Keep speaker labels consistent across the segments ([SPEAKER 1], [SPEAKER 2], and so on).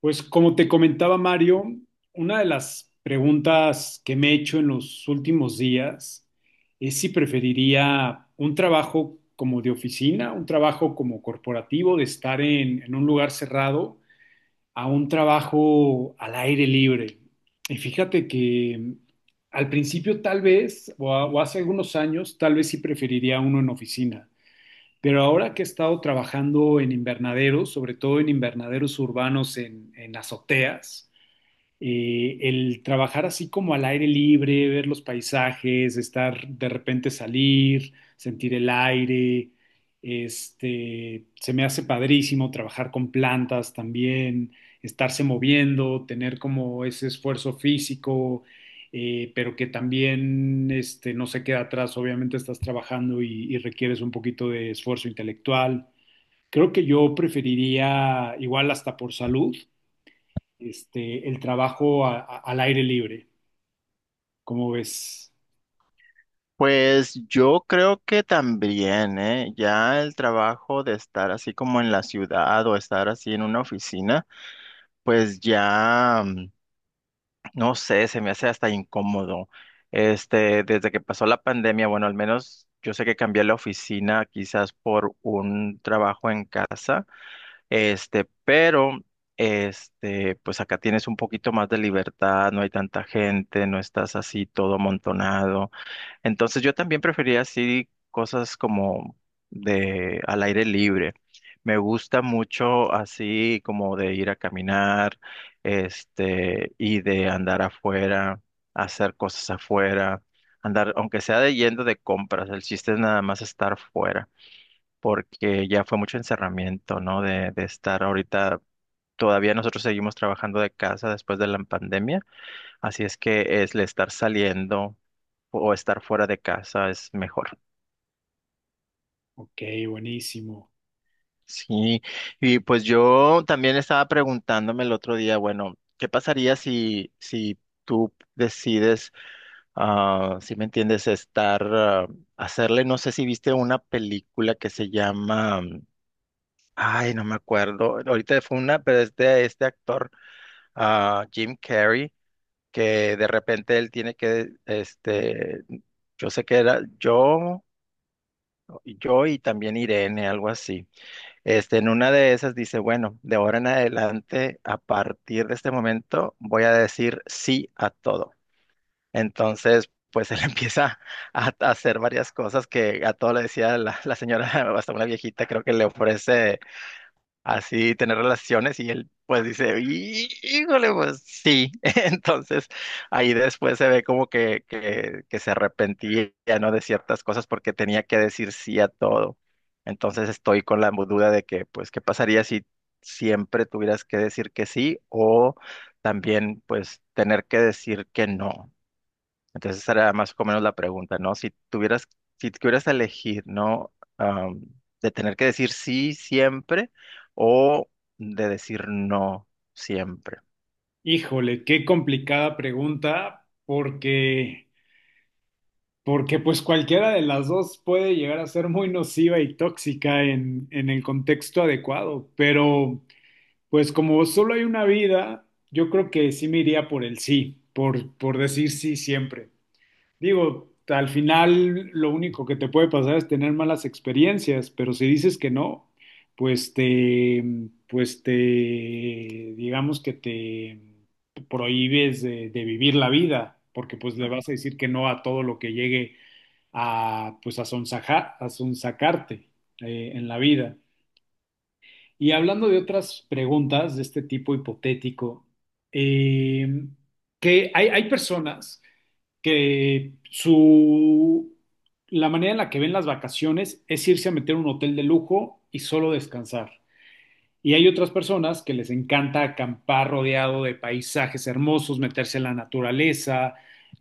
[SPEAKER 1] Pues como te comentaba Mario, una de las preguntas que me he hecho en los últimos días es si preferiría un trabajo como de oficina, un trabajo como corporativo, de estar en un lugar cerrado, a un trabajo al aire libre. Y fíjate que al principio tal vez, o, o hace algunos años, tal vez sí preferiría uno en oficina. Pero ahora que he estado trabajando en invernaderos, sobre todo en invernaderos urbanos en azoteas, el trabajar así como al aire libre, ver los paisajes, estar de repente salir, sentir el aire, este, se me hace padrísimo trabajar con plantas también, estarse moviendo, tener como ese esfuerzo físico, pero que también este, no se queda atrás. Obviamente estás trabajando y requieres un poquito de esfuerzo intelectual. Creo que yo preferiría, igual hasta por salud, este, el trabajo al aire libre. ¿Cómo ves?
[SPEAKER 2] Pues yo creo que también, ¿eh? Ya el trabajo de estar así como en la ciudad o estar así en una oficina, pues ya, no sé, se me hace hasta incómodo. Desde que pasó la pandemia, bueno, al menos yo sé que cambié la oficina quizás por un trabajo en casa, pero, pues acá tienes un poquito más de libertad, no hay tanta gente, no estás así todo amontonado. Entonces yo también prefería así cosas como de al aire libre. Me gusta mucho así como de ir a caminar, y de andar afuera, hacer cosas afuera, andar, aunque sea de yendo de compras, el chiste es nada más estar fuera, porque ya fue mucho encerramiento, ¿no? De estar ahorita, todavía nosotros seguimos trabajando de casa después de la pandemia, así es que es el estar saliendo o estar fuera de casa es mejor.
[SPEAKER 1] Ok, buenísimo.
[SPEAKER 2] Sí, y pues yo también estaba preguntándome el otro día, bueno, ¿qué pasaría si tú decides, si me entiendes, estar, hacerle, no sé si viste una película que se llama, ay, no me acuerdo, ahorita fue una, pero es de este actor, Jim Carrey, que de repente él tiene que, yo sé que era yo, yo y también Irene, algo así. En una de esas dice, bueno, de ahora en adelante, a partir de este momento, voy a decir sí a todo. Entonces, pues él empieza a hacer varias cosas que a todo le decía la señora, hasta una viejita, creo que le ofrece así tener relaciones y él pues dice, "Híjole, pues sí." Entonces ahí después se ve como que se arrepentía, ¿no? De ciertas cosas porque tenía que decir sí a todo. Entonces estoy con la duda de que, pues, ¿qué pasaría si siempre tuvieras que decir que sí o también, pues, tener que decir que no? Entonces esa era más o menos la pregunta, ¿no? Si tuvieras, si tuvieras que elegir, ¿no? De tener que decir sí siempre o de decir no siempre.
[SPEAKER 1] Híjole, qué complicada pregunta, porque, porque pues cualquiera de las dos puede llegar a ser muy nociva y tóxica en el contexto adecuado, pero pues como solo hay una vida, yo creo que sí me iría por el sí, por decir sí siempre. Digo, al final lo único que te puede pasar es tener malas experiencias, pero si dices que no, pues te, pues te, digamos que te prohíbes de vivir la vida, porque pues le vas a decir que no a todo lo que llegue a, pues a sonsacarte en la vida. Y hablando de otras preguntas de este tipo hipotético, eh, que hay personas que su la manera en la que ven las vacaciones es irse a meter a un hotel de lujo y solo descansar. Y hay otras personas que les encanta acampar rodeado de paisajes hermosos, meterse en la naturaleza,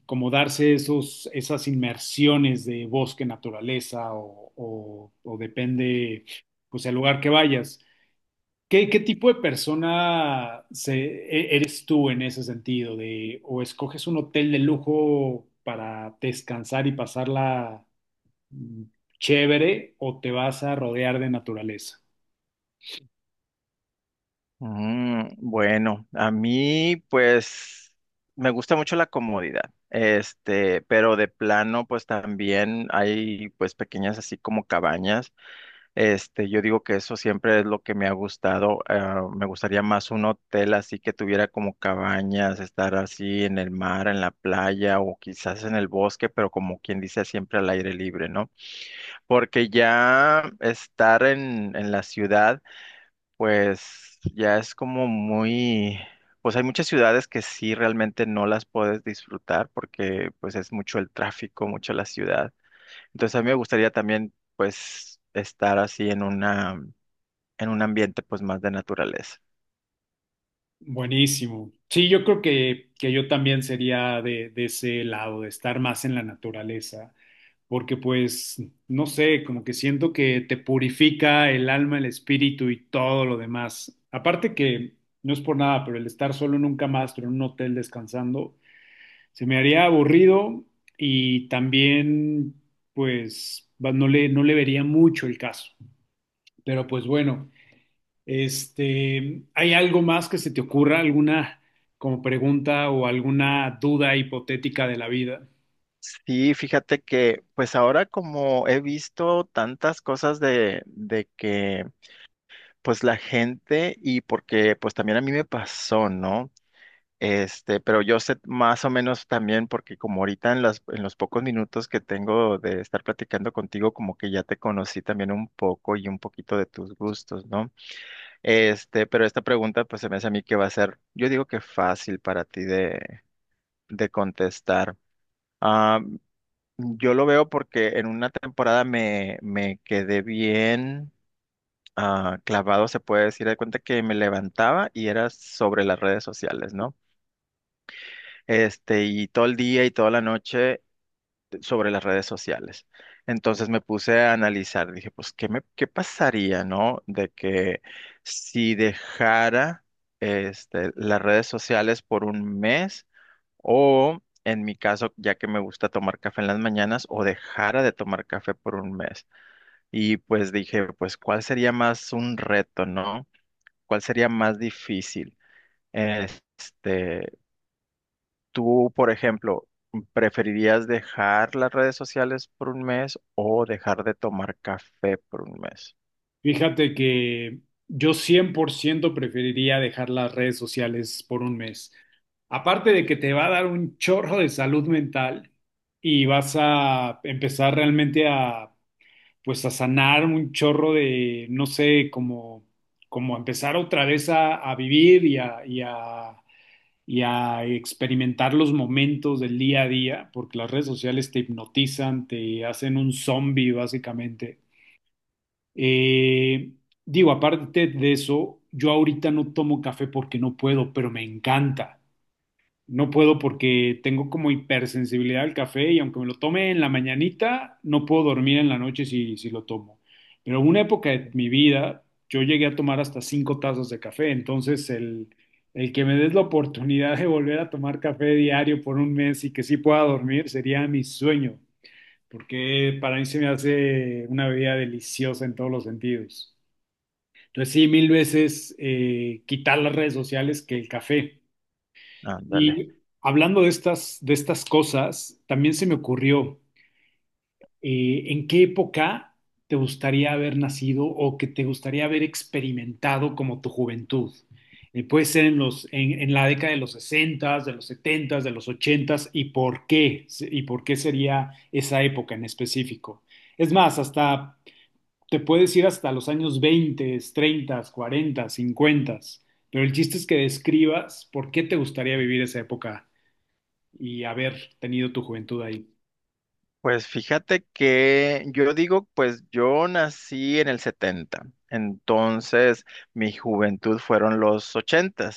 [SPEAKER 1] como darse esas inmersiones de bosque, naturaleza o depende, pues, el lugar que vayas. ¿Qué, qué tipo de persona eres tú en ese sentido? De, ¿o escoges un hotel de lujo para descansar y pasarla mm, chévere o te vas a rodear de naturaleza?
[SPEAKER 2] Bueno, a mí pues me gusta mucho la comodidad, pero de plano pues también hay pues pequeñas así como cabañas. Yo digo que eso siempre es lo que me ha gustado. Me gustaría más un hotel así que tuviera como cabañas, estar así en el mar, en la playa o quizás en el bosque, pero como quien dice, siempre al aire libre, ¿no? Porque ya estar en la ciudad, pues ya es como muy. Pues hay muchas ciudades que sí realmente no las puedes disfrutar porque pues es mucho el tráfico, mucho la ciudad. Entonces a mí me gustaría también pues estar así en un ambiente pues más de naturaleza.
[SPEAKER 1] Buenísimo. Sí, yo creo que yo también sería de ese lado, de estar más en la naturaleza, porque pues, no sé, como que siento que te purifica el alma, el espíritu y todo lo demás. Aparte que, no es por nada, pero el estar solo nunca más, pero en un hotel descansando, se me haría aburrido y también, pues, no no le vería mucho el caso. Pero pues bueno, este, ¿hay algo más que se te ocurra? ¿Alguna como pregunta o alguna duda hipotética de la vida?
[SPEAKER 2] Sí, fíjate que pues ahora como he visto tantas cosas de que pues la gente y porque pues también a mí me pasó, ¿no? Pero yo sé más o menos también porque como ahorita en los pocos minutos que tengo de estar platicando contigo, como que ya te conocí también un poco y un poquito de tus gustos, ¿no? Pero esta pregunta pues se me hace a mí que va a ser, yo digo que fácil para ti de contestar. Yo lo veo porque en una temporada me quedé bien, clavado, se puede decir, de cuenta que me levantaba y era sobre las redes sociales, ¿no? Y todo el día y toda la noche sobre las redes sociales. Entonces me puse a analizar, dije, pues, ¿qué pasaría? ¿No? De que si dejara las redes sociales por un mes o. En mi caso, ya que me gusta tomar café en las mañanas, o dejara de tomar café por un mes. Y pues dije, pues, ¿cuál sería más un reto, no? ¿Cuál sería más difícil? Este, Tú, por ejemplo, ¿preferirías dejar las redes sociales por un mes o dejar de tomar café por un mes?
[SPEAKER 1] Fíjate que yo 100% preferiría dejar las redes sociales por un mes. Aparte de que te va a dar un chorro de salud mental y vas a empezar realmente a, pues a sanar un chorro de, no sé, como, como empezar otra vez a vivir y a experimentar los momentos del día a día, porque las redes sociales te hipnotizan, te hacen un zombie básicamente. Eh, digo, aparte de eso, yo ahorita no tomo café porque no puedo, pero me encanta. No puedo porque tengo como hipersensibilidad al café y aunque me lo tome en la mañanita, no puedo dormir en la noche si lo tomo. Pero en una época de mi vida, yo llegué a tomar hasta 5 tazas de café. Entonces, el que me des la oportunidad de volver a tomar café diario por un mes y que sí pueda dormir sería mi sueño, porque para mí se me hace una bebida deliciosa en todos los sentidos. Entonces sí, mil veces quitar las redes sociales que el café.
[SPEAKER 2] Ándale.
[SPEAKER 1] Y hablando de estas cosas, también se me ocurrió, ¿en qué época te gustaría haber nacido o que te gustaría haber experimentado como tu juventud? Puede ser en los, en la década de los 60s, de los 70s, de los 80s, ¿y por qué? ¿Y por qué sería esa época en específico? Es más, hasta te puedes ir hasta los años 20, 30, 40, 50, pero el chiste es que describas por qué te gustaría vivir esa época y haber tenido tu juventud ahí.
[SPEAKER 2] Pues fíjate que yo digo, pues yo nací en el 70, entonces mi juventud fueron los 80.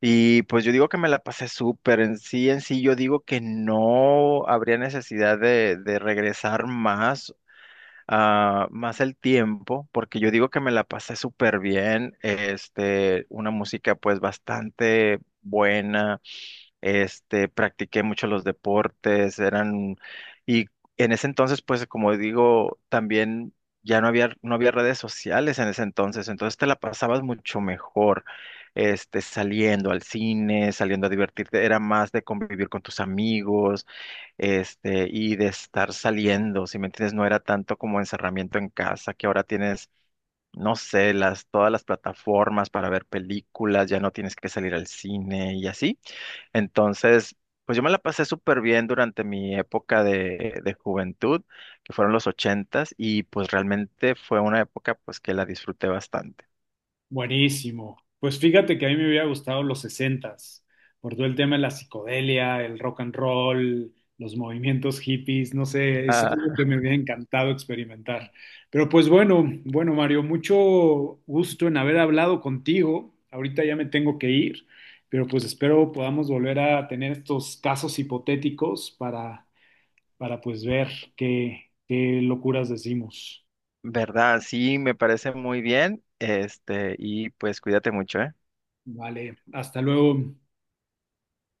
[SPEAKER 2] Y pues yo digo que me la pasé súper. En sí, yo digo que no habría necesidad de regresar más, más el tiempo, porque yo digo que me la pasé súper bien. Una música pues bastante buena. Practiqué mucho los deportes, eran, y en ese entonces, pues como digo, también ya no había redes sociales en ese entonces, entonces te la pasabas mucho mejor, saliendo al cine, saliendo a divertirte, era más de convivir con tus amigos, y de estar saliendo, si me entiendes, no era tanto como encerramiento en casa, que ahora tienes, no sé, todas las plataformas para ver películas, ya no tienes que salir al cine y así. Entonces, pues yo me la pasé súper bien durante mi época de juventud, que fueron los ochentas, y pues realmente fue una época pues que la disfruté bastante.
[SPEAKER 1] Buenísimo. Pues fíjate que a mí me hubiera gustado los sesentas, por todo el tema de la psicodelia, el rock and roll, los movimientos hippies, no sé, es
[SPEAKER 2] Ah,
[SPEAKER 1] algo que me hubiera encantado experimentar. Pero pues bueno, bueno Mario, mucho gusto en haber hablado contigo. Ahorita ya me tengo que ir, pero pues espero podamos volver a tener estos casos hipotéticos para pues ver qué, qué locuras decimos.
[SPEAKER 2] ¿verdad? Sí, me parece muy bien. Y pues cuídate mucho, ¿eh?
[SPEAKER 1] Vale, hasta luego.